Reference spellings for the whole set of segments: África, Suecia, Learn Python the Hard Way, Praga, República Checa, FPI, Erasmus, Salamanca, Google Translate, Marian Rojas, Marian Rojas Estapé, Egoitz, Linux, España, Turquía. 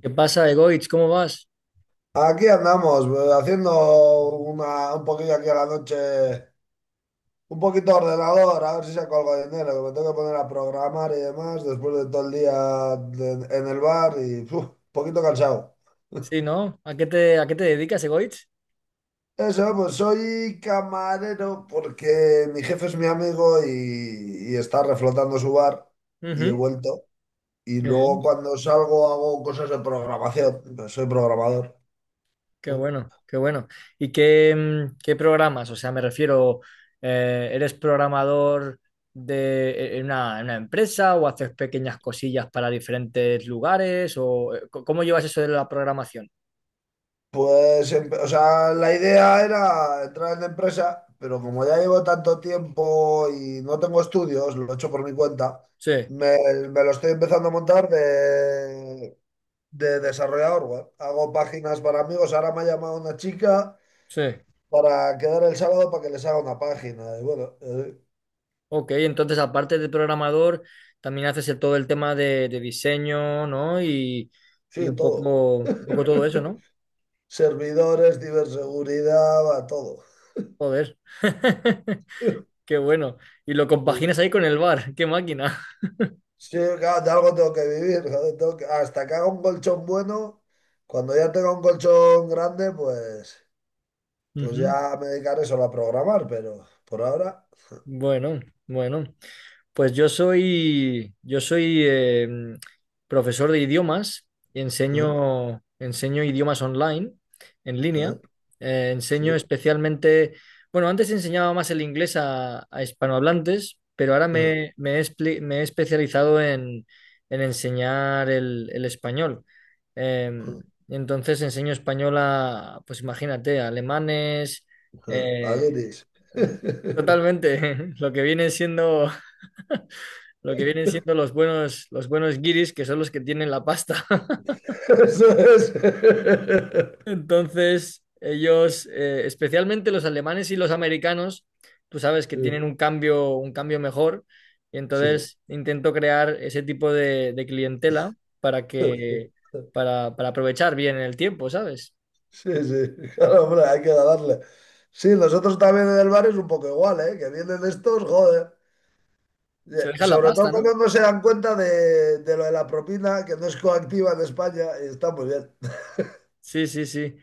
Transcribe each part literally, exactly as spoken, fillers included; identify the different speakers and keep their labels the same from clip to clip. Speaker 1: ¿Qué pasa, Egoitz? ¿Cómo vas?
Speaker 2: Aquí andamos, pues, haciendo una, un poquillo aquí a la noche, un poquito de ordenador, a ver si saco algo de dinero, que me tengo que poner a programar y demás después de todo el día de- en el bar y uf, un poquito cansado.
Speaker 1: Sí, ¿no? ¿A qué te, a qué te dedicas, Egoitz?
Speaker 2: Eso, pues soy camarero porque mi jefe es mi amigo y, y está reflotando su bar y he
Speaker 1: Ujú.
Speaker 2: vuelto. Y
Speaker 1: Muy
Speaker 2: luego
Speaker 1: bien.
Speaker 2: cuando salgo hago cosas de programación, pues soy programador.
Speaker 1: Qué
Speaker 2: ¿Eh?
Speaker 1: bueno, qué bueno. ¿Y qué, mm, qué programas? O sea, me refiero. Eh, ¿eres programador de e, en una, en una empresa o haces pequeñas cosillas para diferentes lugares? ¿O eh, co- cómo llevas eso de la programación?
Speaker 2: Pues, em- o sea, la idea era entrar en la empresa, pero como ya llevo tanto tiempo y no tengo estudios, lo he hecho por mi cuenta,
Speaker 1: Sí,
Speaker 2: me, me lo estoy empezando a montar de, de desarrollador web. Hago páginas para amigos. Ahora me ha llamado una chica
Speaker 1: sí.
Speaker 2: para quedar el sábado para que les haga una página. Y bueno, eh,
Speaker 1: Ok, entonces aparte de programador, también haces el- todo el tema de, de diseño, ¿no? Y, y
Speaker 2: sí,
Speaker 1: un
Speaker 2: todo.
Speaker 1: poco, un poco todo eso, ¿no?
Speaker 2: Servidores, ciberseguridad, va, todo.
Speaker 1: Joder, qué bueno. Y lo compaginas ahí con el bar, qué máquina.
Speaker 2: Sí, claro, de algo tengo que vivir. Joder, tengo que- Hasta que haga un colchón bueno, cuando ya tenga un colchón grande, pues, pues
Speaker 1: Ujú.
Speaker 2: ya me dedicaré solo a programar, pero por ahora...
Speaker 1: Bueno, bueno. Pues yo soy, yo soy eh, profesor de idiomas y
Speaker 2: ¿Eh?
Speaker 1: enseño, enseño idiomas online, en línea.
Speaker 2: ¿Eh?
Speaker 1: Eh, enseño
Speaker 2: Sí.
Speaker 1: especialmente, bueno, antes enseñaba más el inglés a, a hispanohablantes, pero ahora
Speaker 2: ¿Eh?
Speaker 1: me, me he, expli- me he especializado en, en enseñar el, el español. Eh,
Speaker 2: ¿Eh?
Speaker 1: entonces enseño español a, pues imagínate, a alemanes,
Speaker 2: ¿Eh?
Speaker 1: eh,
Speaker 2: Aguiris.
Speaker 1: totalmente, lo que viene siendo lo que vienen siendo los buenos, los buenos guiris, que son los que tienen la pasta.
Speaker 2: Eso es.
Speaker 1: Entonces, ellos, eh, especialmente los alemanes y los americanos, tú sabes que tienen un cambio, un cambio mejor, y
Speaker 2: Sí.
Speaker 1: entonces intento crear ese tipo de, de clientela para que, para, para aprovechar bien el tiempo, ¿sabes?
Speaker 2: Sí, sí. Claro, hombre, hay que darle. Sí, nosotros también en el bar es un poco igual, ¿eh? Que vienen estos, joder.
Speaker 1: Se
Speaker 2: Eh,
Speaker 1: dejan la
Speaker 2: Sobre todo
Speaker 1: pasta,
Speaker 2: cuando
Speaker 1: ¿no?
Speaker 2: no se dan cuenta de, de lo de la propina, que no es coactiva en España, y está muy bien.
Speaker 1: Sí, sí, sí.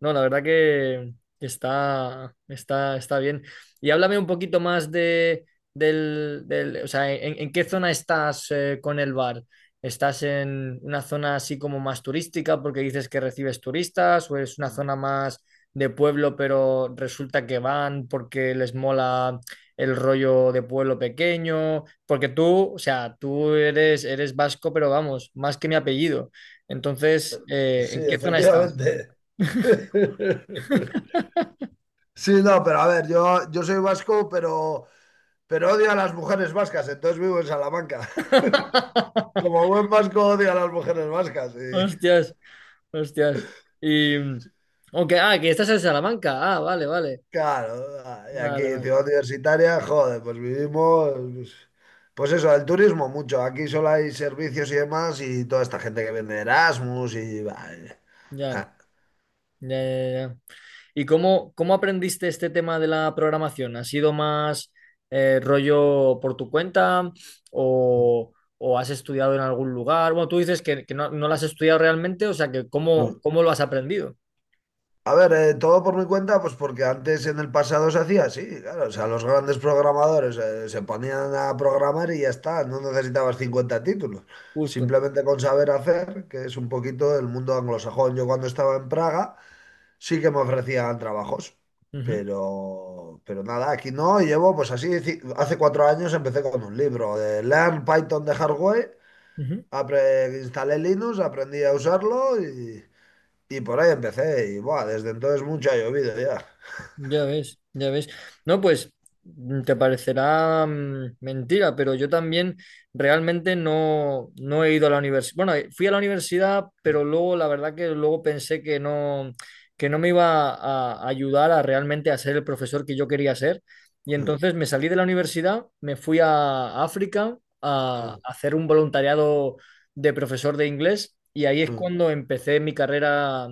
Speaker 1: No, la verdad que está, está, está bien. Y háblame un poquito más de, del, del- o sea, en, en qué zona estás, eh, con el bar? ¿Estás en una zona así como más turística porque dices que recibes turistas o es una zona más de pueblo pero resulta que van porque les mola el rollo de pueblo pequeño? Porque tú, o sea, tú eres, eres vasco, pero vamos, más que mi apellido. Entonces, eh,
Speaker 2: Sí,
Speaker 1: ¿en qué zona estás?
Speaker 2: efectivamente. Sí, no, pero a ver, yo, yo soy vasco, pero, pero odio a las mujeres vascas, entonces vivo en Salamanca. Como buen vasco odio a las mujeres vascas. Y
Speaker 1: Hostias, hostias. Y. Aunque, ah, que estás en Salamanca. Ah, vale, vale.
Speaker 2: claro, y aquí,
Speaker 1: Vale, vale.
Speaker 2: ciudad universitaria, joder, pues vivimos, pues, pues eso, el turismo mucho. Aquí solo hay servicios y demás y toda esta gente que vende Erasmus y... bah,
Speaker 1: Ya,
Speaker 2: ja.
Speaker 1: ya, ya, ya. ¿Y cómo, cómo aprendiste este tema de la programación? ¿Ha sido más eh, rollo por tu cuenta o, o has estudiado en algún lugar? Bueno, tú dices que, que no, no lo has estudiado realmente, o sea que ¿cómo, cómo lo has aprendido?
Speaker 2: A ver, eh, todo por mi cuenta, pues porque antes en el pasado se hacía así, claro, o sea, los grandes programadores eh, se ponían a programar y ya está, no necesitabas cincuenta títulos,
Speaker 1: Justo.
Speaker 2: simplemente con saber hacer, que es un poquito el mundo anglosajón. Yo cuando estaba en Praga sí que me ofrecían trabajos,
Speaker 1: Ujú,
Speaker 2: pero, pero nada, aquí no, y llevo pues así, ci- hace cuatro años empecé con un libro de Learn Python the Hard Way,
Speaker 1: ujú.
Speaker 2: apre- instalé Linux, aprendí a usarlo y por ahí empecé y buah, desde entonces mucho ha llovido ya.
Speaker 1: Ya ves, ya ves. No, pues mm, te parecerá mm, mentira, pero yo también realmente no, no he ido a la universidad. Bueno, eh, fui a la universidad, pero luego la verdad que luego pensé que no, que no me iba a, a ayudar a realmente a ser el profesor que yo quería ser. Y entonces me salí de la universidad, me fui a África a, a hacer un voluntariado de profesor de inglés y ahí es cuando empecé mi carrera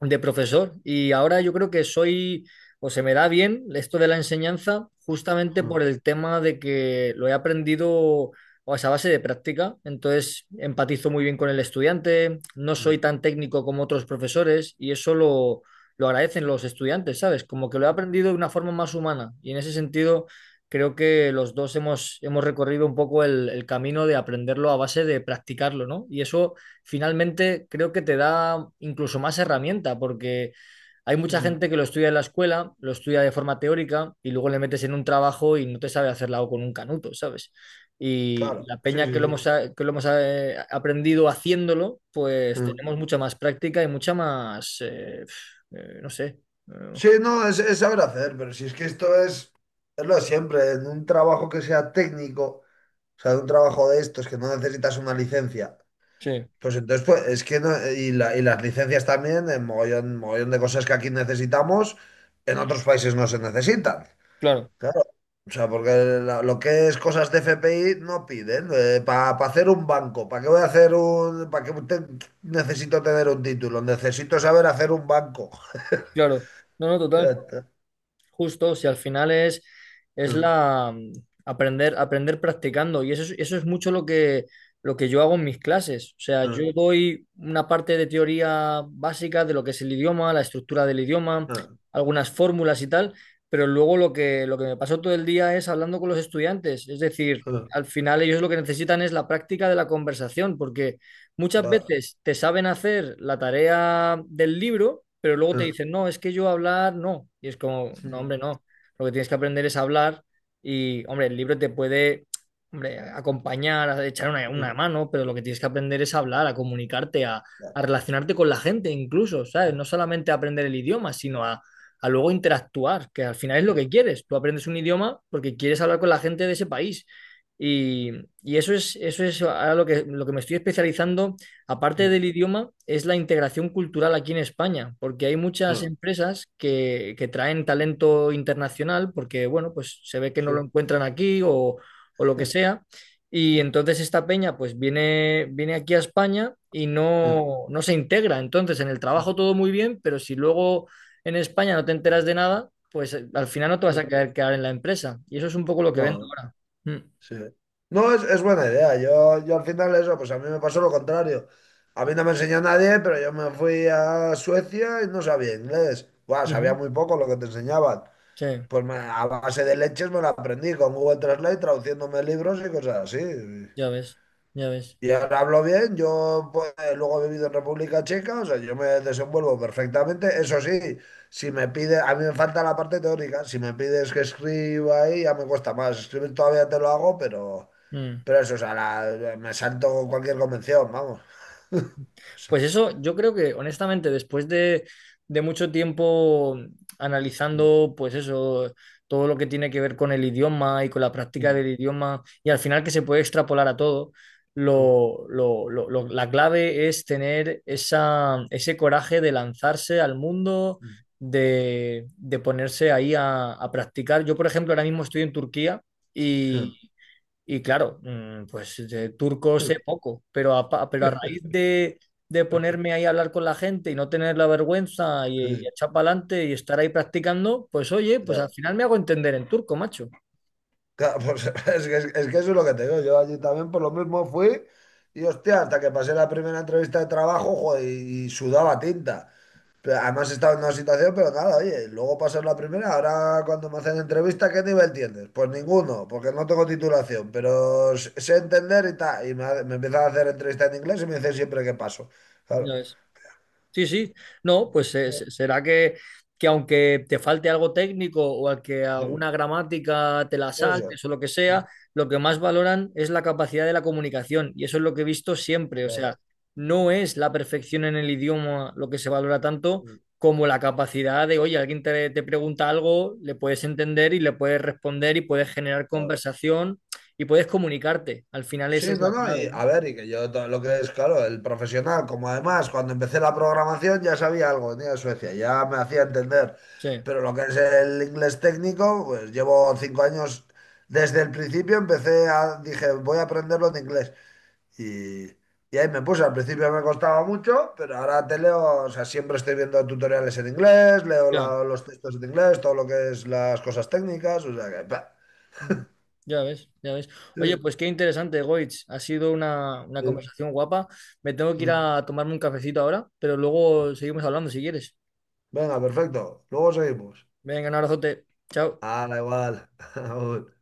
Speaker 1: de profesor. Y ahora yo creo que soy o se me da bien esto de la enseñanza justamente por el tema de que lo he aprendido, o sea, a base de práctica, entonces empatizo muy bien con el estudiante, no soy tan técnico como otros profesores y eso lo, lo agradecen los estudiantes, ¿sabes? Como que lo he aprendido de una forma más humana y en ese sentido creo que los dos hemos, hemos recorrido un poco el, el camino de aprenderlo a base de practicarlo, ¿no? Y eso finalmente creo que te da incluso más herramienta porque hay mucha gente que lo estudia en la escuela, lo estudia de forma teórica y luego le metes en un trabajo y no te sabe hacer la O con un canuto, ¿sabes? Y
Speaker 2: Claro,
Speaker 1: la
Speaker 2: sí,
Speaker 1: peña que lo
Speaker 2: sí,
Speaker 1: hemos, a- que lo hemos eh, aprendido haciéndolo, pues
Speaker 2: sí.
Speaker 1: tenemos mucha más práctica y mucha más, eh, pf, eh, no sé. eh,
Speaker 2: Sí, no, es, es saber hacer, pero si es que esto es, es lo de siempre, en un trabajo que sea técnico, o sea, un trabajo de estos que no necesitas una licencia,
Speaker 1: sí,
Speaker 2: pues entonces pues, es que no, y, la- y las licencias también, en mogollón, mogollón de cosas que aquí necesitamos, en otros países no se necesitan.
Speaker 1: claro,
Speaker 2: Claro, o sea, porque la- lo que es cosas de F P I no piden. Para hacer un banco, ¿para qué voy a hacer un... ¿Para qué te- necesito tener un título? Necesito saber hacer un banco.
Speaker 1: claro. No, no,
Speaker 2: Ya
Speaker 1: total.
Speaker 2: está.
Speaker 1: Justo, si al final es, es
Speaker 2: Claro.
Speaker 1: la mm, aprender, aprender practicando. Y eso es, eso es mucho lo que, lo que yo hago en mis clases. O sea, yo doy una parte de teoría básica de lo que es el idioma, la estructura del idioma, algunas fórmulas y tal, pero luego lo que, lo que me pasó todo el día es hablando con los estudiantes. Es decir, al final ellos lo que necesitan es la práctica de la conversación, porque muchas veces te saben hacer la tarea del libro, pero luego te dicen, no, es que yo hablar no. Y es como, no,
Speaker 2: Sí.
Speaker 1: hombre, no. Lo que tienes que aprender es hablar y, hombre, el libro te puede, hombre, acompañar, a echar una,
Speaker 2: No,
Speaker 1: una mano, pero lo que tienes que aprender es hablar, a comunicarte, a, a relacionarte con la gente incluso, ¿sabes? No solamente a aprender el idioma, sino a, a luego interactuar, que al final es lo que quieres. Tú aprendes un idioma porque quieres hablar con la gente de ese país y, y eso es, eso es ahora lo que, lo que me estoy especializando, aparte del idioma, es la integración cultural aquí en España, porque hay muchas empresas que, que traen talento internacional, porque, bueno, pues se ve que no lo encuentran aquí o, o lo que sea. Y entonces esta peña pues viene, viene aquí a España y no, no se integra. Entonces en el trabajo todo muy bien, pero si luego en España no te enteras de nada, pues eh, al final no te vas a
Speaker 2: no,
Speaker 1: quedar, quedar en la empresa. Y eso es un poco lo que vendo
Speaker 2: no.
Speaker 1: ahora. Mm.
Speaker 2: Sí. No, es, es buena idea. Yo, yo al final eso, pues a mí me pasó lo contrario. A mí no me enseñó nadie, pero yo me fui a Suecia y no sabía inglés. Buah, sabía
Speaker 1: Ujú.
Speaker 2: muy poco lo que te enseñaban.
Speaker 1: Sí,
Speaker 2: Pues me- a base de leches me lo aprendí con Google Translate, traduciéndome libros y cosas así.
Speaker 1: ya ves, ya ves.
Speaker 2: Y ahora hablo bien, yo pues, luego he vivido en República Checa, o sea, yo me desenvuelvo perfectamente. Eso sí, si me pide, a mí me falta la parte teórica, si me pides que escriba ahí ya me cuesta más. Escribir todavía te lo hago, pero...
Speaker 1: Mm.
Speaker 2: Pero eso, o sea, la- me salto cualquier convención, vamos. O sea,
Speaker 1: Pues eso, yo creo que honestamente, después de, de mucho tiempo analizando, pues eso, todo lo que tiene que ver con el idioma y con la práctica del idioma, y al final que se puede extrapolar a todo, lo, lo- lo- lo- la clave es tener esa, ese coraje de lanzarse al mundo, de, de ponerse ahí a, a practicar. Yo, por ejemplo, ahora mismo estoy en Turquía. Y claro, mm, pues de turco sé poco, pero a, pa- pero a raíz de, de ponerme ahí a hablar con la gente y no tener la vergüenza y, y echar para adelante y estar ahí practicando, pues oye, pues al
Speaker 2: claro,
Speaker 1: final me hago entender en turco, macho.
Speaker 2: claro, pues, es que, es, que eso es lo que te digo. Yo allí también por lo mismo fui y hostia, hasta que pasé la primera entrevista de trabajo, joder, y, y sudaba tinta. Pero además he estado en una situación, pero nada, oye, luego pasó la primera, ahora cuando me hacen entrevista, ¿qué nivel tienes? Pues ninguno, porque no tengo titulación, pero s- sé entender y tal. Y me, ha- me empiezan a hacer entrevista en inglés y me dicen siempre que paso.
Speaker 1: Ya
Speaker 2: Claro.
Speaker 1: ves. Sí, sí. No, pues eh, se- será que, que aunque te falte algo técnico o al que alguna gramática te la
Speaker 2: Eso.
Speaker 1: saltes o lo que sea, lo que más valoran es la capacidad de la comunicación. Y eso es lo que he visto siempre. O sea,
Speaker 2: Claro.
Speaker 1: no es la perfección en el idioma lo que se valora tanto como la capacidad de, oye, alguien te, te pregunta algo, le puedes entender y le puedes responder y puedes generar
Speaker 2: Claro.
Speaker 1: conversación y puedes comunicarte. Al final
Speaker 2: Sí,
Speaker 1: esa es la
Speaker 2: no, no, y
Speaker 1: clave, ¿no?
Speaker 2: a ver, y que yo todo lo que es, claro, el profesional, como además cuando empecé la programación ya sabía algo, venía de Suecia, ya me hacía entender,
Speaker 1: Sí,
Speaker 2: pero lo que es el inglés técnico, pues llevo cinco años, desde el principio empecé a, dije, voy a aprenderlo en inglés, y, y ahí me puse, al principio me costaba mucho, pero ahora te leo, o sea, siempre estoy viendo tutoriales en inglés, leo
Speaker 1: ya.
Speaker 2: la- los textos en inglés, todo lo que es las cosas técnicas, o sea que... pa.
Speaker 1: Mm. Ya ves, ya ves.
Speaker 2: Sí,
Speaker 1: Oye, pues qué interesante, Goitz. Ha sido una, una conversación guapa. Me tengo
Speaker 2: sí.
Speaker 1: que ir a tomarme un cafecito ahora, pero luego seguimos hablando si quieres.
Speaker 2: Venga, perfecto, luego seguimos.
Speaker 1: Venga, un abrazote. Chao.
Speaker 2: Hala, igual. Aún.